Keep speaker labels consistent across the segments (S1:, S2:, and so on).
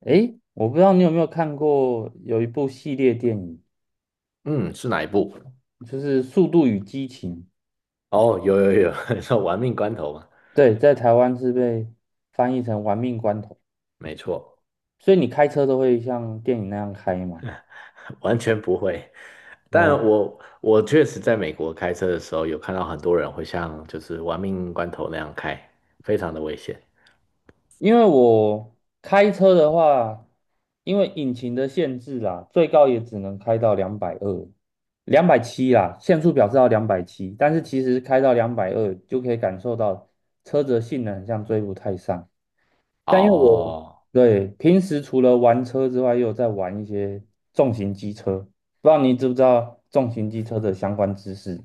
S1: 诶，我不知道你有没有看过有一部系列电影，
S2: 嗯，是哪一部？
S1: 就是《速度与激情》，
S2: 哦，有有有，你说玩命关头吗？
S1: 对，在台湾是被翻译成《玩命关头》，
S2: 没错，
S1: 所以你开车都会像电影那样开吗？
S2: 完全不会。但
S1: 哦，
S2: 我确实在美国开车的时候，有看到很多人会像就是玩命关头那样开，非常的危险。
S1: 因为我开车的话，因为引擎的限制啦，最高也只能开到两百二、两百七啦，限速表示到两百七，但是其实开到两百二就可以感受到车子的性能很像追不太上。但因为我
S2: 哦，
S1: 对平时除了玩车之外，又有在玩一些重型机车，不知道你知不知道重型机车的相关知识？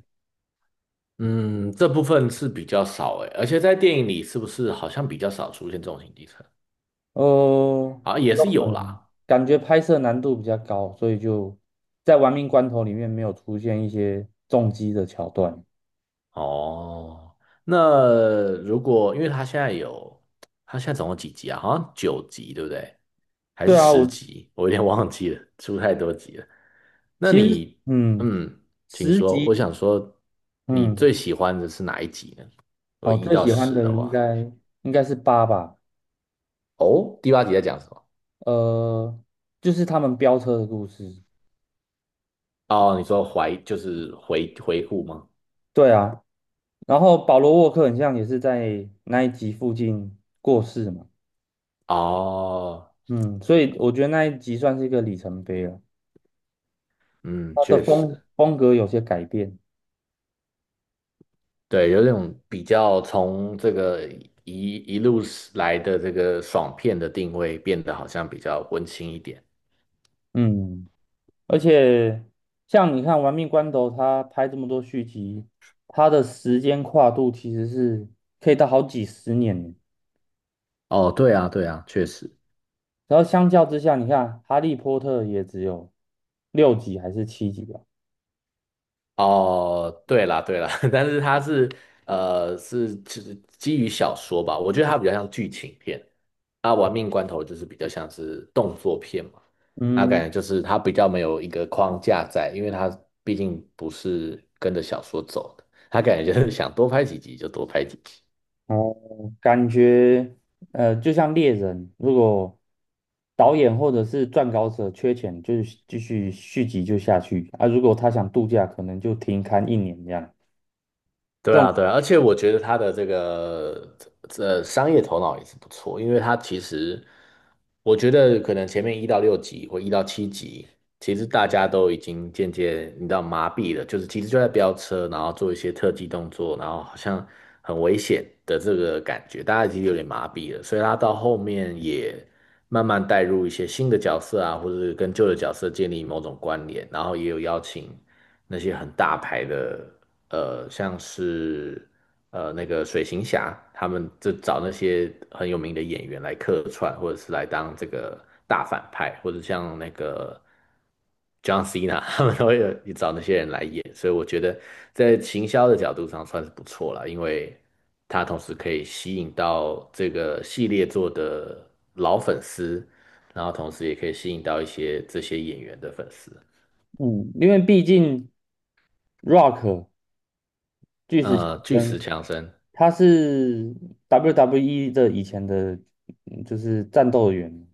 S2: 嗯，这部分是比较少诶，而且在电影里是不是好像比较少出现这种行机车？
S1: 呃，
S2: 啊，也是有啦。
S1: 嗯，感觉拍摄难度比较高，所以就在玩命关头里面没有出现一些重机的桥段。
S2: 哦，那如果因为他现在总共几集啊？好像九集，对不对？还是
S1: 对啊，
S2: 十
S1: 我
S2: 集？我有点忘记了，出太多集了。那
S1: 其实
S2: 你，嗯，请
S1: 十
S2: 说，我
S1: 级
S2: 想说，你
S1: 嗯，
S2: 最喜欢的是哪一集呢？我果
S1: 哦，
S2: 一
S1: 最
S2: 到
S1: 喜欢
S2: 十
S1: 的
S2: 的
S1: 应
S2: 话，
S1: 该应该是八吧，
S2: 哦，第八集在讲什么？
S1: 呃，就是他们飙车的故事。
S2: 哦，你说怀就是回顾吗？
S1: 对啊，然后保罗沃克很像也是在那一集附近过世嘛，
S2: 哦，
S1: 嗯，所以我觉得那一集算是一个里程碑了，
S2: 嗯，
S1: 他的
S2: 确
S1: 风
S2: 实。
S1: 风格有些改变，
S2: 对，有那种比较从这个一路来的这个爽片的定位变得好像比较温馨一点。
S1: 嗯，而且像你看《玩命关头》，他拍这么多续集，他的时间跨度其实是可以到好几十年，
S2: 哦，对啊，对啊，确实。
S1: 然后相较之下，你看《哈利波特》也只有六集还是七集吧，
S2: 哦，对啦对啦，但是它是就是基于小说吧，我觉得它比较像剧情片。啊，《玩命关头》就是比较像是动作片嘛，那
S1: 嗯，
S2: 感觉就是它比较没有一个框架在，因为它毕竟不是跟着小说走的，它感觉就是想多拍几集就多拍几集。
S1: 哦。感觉就像猎人，如果导演或者是撰稿者缺钱，就是继续续集就下去啊。如果他想度假，可能就停刊一年这样。
S2: 对
S1: 这
S2: 啊，
S1: 种
S2: 对啊，而且我觉得他的这个商业头脑也是不错，因为他其实我觉得可能前面一到六集或一到七集，其实大家都已经渐渐你知道麻痹了，就是其实就在飙车，然后做一些特技动作，然后好像很危险的这个感觉，大家已实有点麻痹了，所以他到后面也慢慢带入一些新的角色啊，或者是跟旧的角色建立某种关联，然后也有邀请那些很大牌的。像是那个水行侠，他们就找那些很有名的演员来客串，或者是来当这个大反派，或者像那个 John Cena，他们都会有找那些人来演，所以我觉得在行销的角度上算是不错了，因为他同时可以吸引到这个系列做的老粉丝，然后同时也可以吸引到一些这些演员的粉丝，
S1: 嗯，因为毕竟 Rock 巨石强
S2: 巨
S1: 森
S2: 石强森，
S1: 他是 WWE 的以前的，就是战斗员，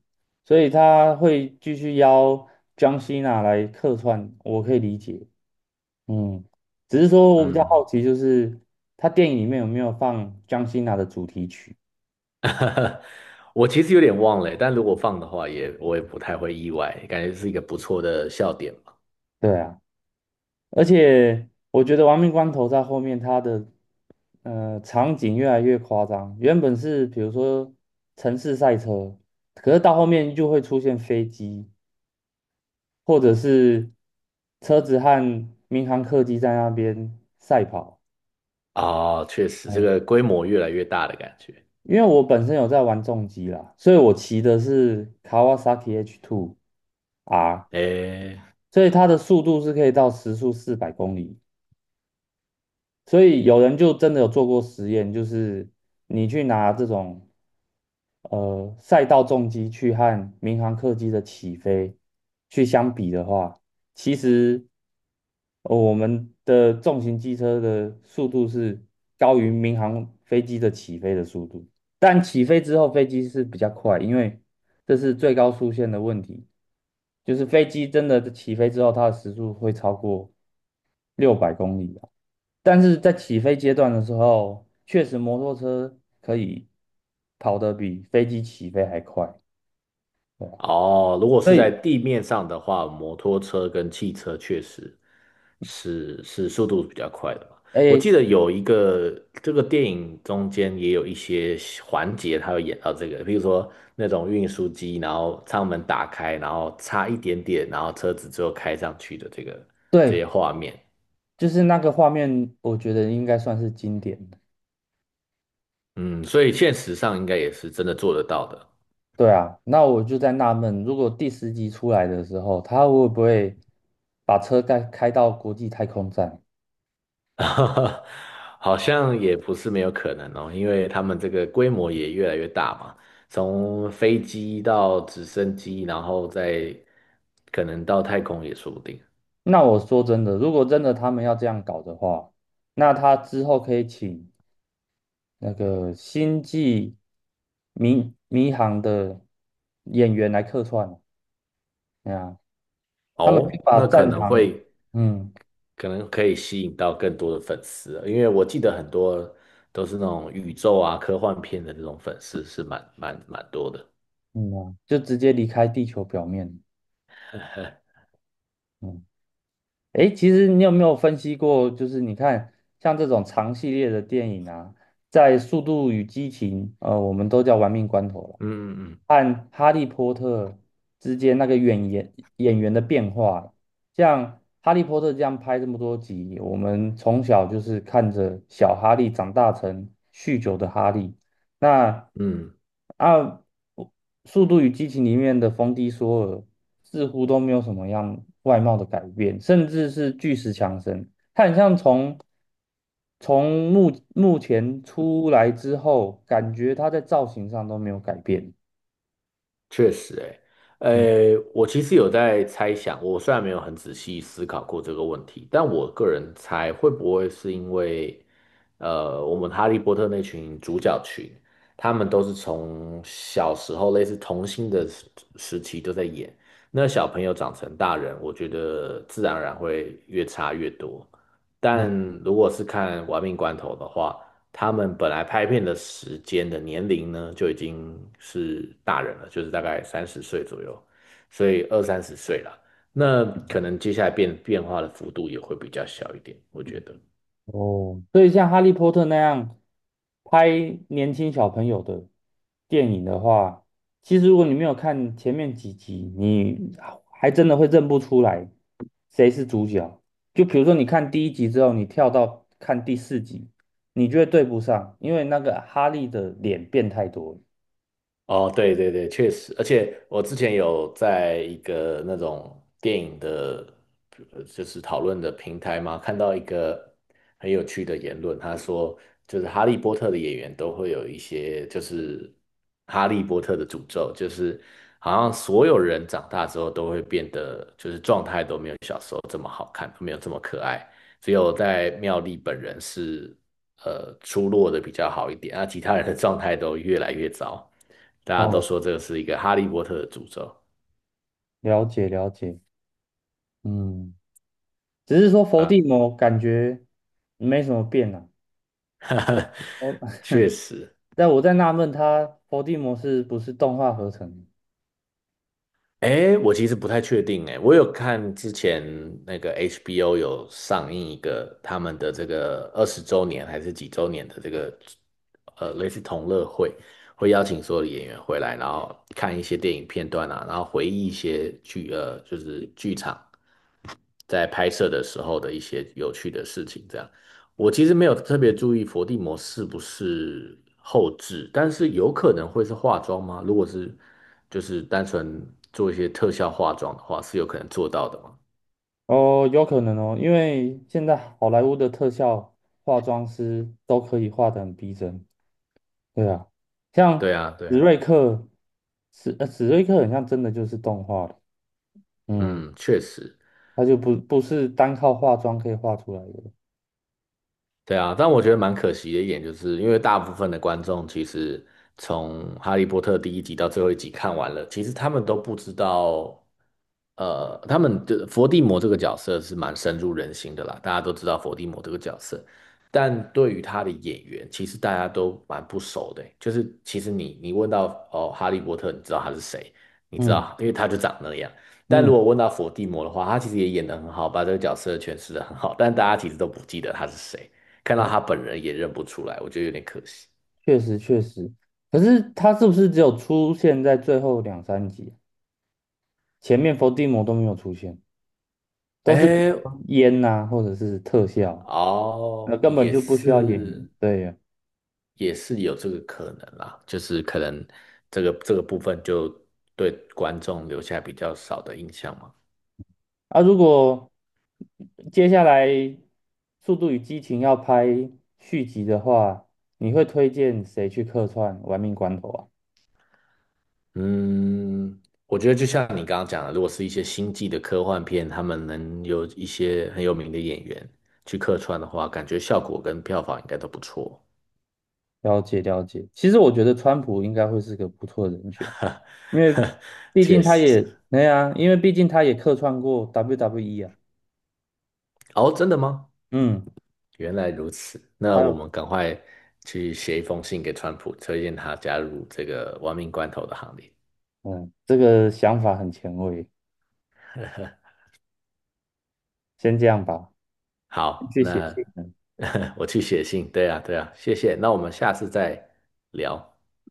S1: 所以他会继续邀 John n a 来客串，我可以理解。嗯，只是说我比较
S2: 嗯。
S1: 好奇，就是他电影里面有没有放江心娜的主题曲？
S2: 我其实有点忘了，但如果放的话也，我也不太会意外，感觉是一个不错的笑点嘛。
S1: 对啊，而且我觉得《亡命关头》在后面它的场景越来越夸张，原本是比如说城市赛车，可是到后面就会出现飞机或者是车子和民航客机在那边赛跑。
S2: 哦，确实，这
S1: 嗯，
S2: 个规模越来越大的感觉。
S1: 因为我本身有在玩重机啦，所以我骑的是卡 a 萨 a H Two r
S2: 诶，
S1: 所以它的速度是可以到时速400公里。所以有人就真的有做过实验，就是你去拿这种赛道重机去和民航客机的起飞去相比的话，其实、我们的重型机车的速度是高于民航飞机的起飞的速度，但起飞之后飞机是比较快，因为这是最高速限的问题。就是飞机真的起飞之后，它的时速会超过600公里啊。但是在起飞阶段的时候，确实摩托车可以跑得比飞机起飞还快，对啊。
S2: 哦，如果
S1: 所
S2: 是在
S1: 以，
S2: 地面上的话，摩托车跟汽车确实是速度比较快的嘛。我
S1: 哎，
S2: 记得有一个这个电影中间也有一些环节，它有演到这个，比如说那种运输机，然后舱门打开，然后差一点点，然后车子最后开上去的这些
S1: 对，
S2: 画面。
S1: 就是那个画面，我觉得应该算是经典的。
S2: 嗯，所以现实上应该也是真的做得到的。
S1: 对啊，那我就在纳闷，如果第10集出来的时候，他会不会把车开到国际太空站？
S2: 好像也不是没有可能哦，因为他们这个规模也越来越大嘛，从飞机到直升机，然后再可能到太空也说不定
S1: 那我说真的，如果真的他们要这样搞的话，那他之后可以请那个星际迷航的演员来客串，哎呀他们会
S2: 哦。
S1: 把
S2: 那可
S1: 战
S2: 能
S1: 场，
S2: 会
S1: 嗯
S2: 可能可以吸引到更多的粉丝了，因为我记得很多都是那种宇宙啊科幻片的那种粉丝是蛮蛮蛮多的。
S1: 就直接离开地球表面，嗯。诶，其实你有没有分析过，就是你看像这种长系列的电影啊，在《速度与激情》我们都叫玩命关头了，
S2: 嗯嗯嗯
S1: 和《哈利波特》之间那个演员的变化，像《哈利波特》这样拍这么多集，我们从小就是看着小哈利长大成酗酒的哈利，那
S2: 嗯。
S1: 啊，《速度与激情》里面的冯迪索尔似乎都没有什么样外貌的改变，甚至是巨石强森，他很像从目前出来之后，感觉他在造型上都没有改变。
S2: 确实、欸，
S1: 嗯
S2: 诶，我其实有在猜想，我虽然没有很仔细思考过这个问题，但我个人猜会不会是因为，呃，我们哈利波特那群主角群，他们都是从小时候类似童星的时期都在演，那小朋友长成大人，我觉得自然而然会越差越多。
S1: 嗯。
S2: 但如果是看《玩命关头》的话，他们本来拍片的时间的年龄呢，就已经是大人了，就是大概三十岁左右，所以二三十岁了。那可能接下来变化的幅度也会比较小一点，我觉得。
S1: 哦，所以像《哈利波特》那样拍年轻小朋友的电影的话，其实如果你没有看前面几集，你还真的会认不出来谁是主角。就比如说，你看第一集之后，你跳到看第四集，你就会对不上，因为那个哈利的脸变太多了。
S2: 哦，对对对，确实，而且我之前有在一个那种电影的，就是讨论的平台嘛，看到一个很有趣的言论，他说就是《哈利波特》的演员都会有一些就是《哈利波特》的诅咒，就是好像所有人长大之后都会变得就是状态都没有。小时候。没有这么可爱，只有在妙丽本人是出落的比较好一点，那其他人的状态都越来越糟，大家都
S1: 哦，
S2: 说这个是一个哈利波特的诅咒，
S1: 了解了解，嗯，只是说
S2: 对
S1: 伏
S2: 吧？
S1: 地魔感觉没什么变啊。
S2: 确实，
S1: 但我在纳闷，他伏地魔是不是动画合成的？
S2: 哎，我其实不太确定，哎，我有看之前那个 HBO 有上映一个他们的这个20周年还是几周年的这个类似同乐会，会邀请所有的演员回来，然后看一些电影片段啊，然后回忆一些就是剧场在拍摄的时候的一些有趣的事情。这样，我其实没有特别注意伏地魔是不是后置，但是有可能会是化妆吗？如果是就是单纯做一些特效化妆的话，是有可能做到的吗？
S1: 哦，有可能哦，因为现在好莱坞的特效化妆师都可以画得很逼真。对啊，像
S2: 对啊，对
S1: 史
S2: 啊，
S1: 瑞克，史瑞克很像真的就是动画的，嗯，
S2: 嗯，确实。
S1: 他就不是单靠化妆可以画出来的。
S2: 对啊，但我觉得蛮可惜的一点，就是因为大部分的观众其实从《哈利波特》第一集到最后一集看完了，其实他们都不知道，呃，他们的伏地魔这个角色是蛮深入人心的啦，大家都知道伏地魔这个角色，但对于他的演员，其实大家都蛮不熟的欸就是其实你问到哦，哈利波特，你知道他是谁？你知
S1: 嗯
S2: 道，因为他就长那样。但如
S1: 嗯，
S2: 果问到伏地魔的话，他其实也演的很好，把这个角色诠释的很好，但大家其实都不记得他是谁。看
S1: 哦，
S2: 到他本人也认不出来，我觉得有点可惜。
S1: 确实确实。可是他是不是只有出现在最后两三集啊前面伏地魔都没有出现，都是
S2: 哎，
S1: 烟呐、或者是特效。那
S2: 哦，
S1: 根本
S2: 也
S1: 就不需要演
S2: 是，
S1: 员。对呀，
S2: 也是有这个可能啦，就是可能这个部分就对观众留下比较少的印象嘛。
S1: 啊，如果接下来《速度与激情》要拍续集的话，你会推荐谁去客串玩命关头啊？
S2: 嗯，我觉得就像你刚刚讲的，如果是一些星际的科幻片，他们能有一些很有名的演员去客串的话，感觉效果跟票房应该都不错。
S1: 了解了解，其实我觉得川普应该会是个不错的人选，因为 毕
S2: 确
S1: 竟他
S2: 实。
S1: 也，对呀，因为毕竟他也客串过 WWE 啊。
S2: 哦，真的吗？
S1: 嗯，
S2: 原来如此，那
S1: 他
S2: 我
S1: 有，
S2: 们赶快去写一封信给川普，推荐他加入这个亡命关头的行列。
S1: 嗯，这个想法很前卫，先这样吧，先
S2: 好，
S1: 去写
S2: 那
S1: 信了。
S2: 我去写信。对啊，对啊，谢谢。那我们下次再聊。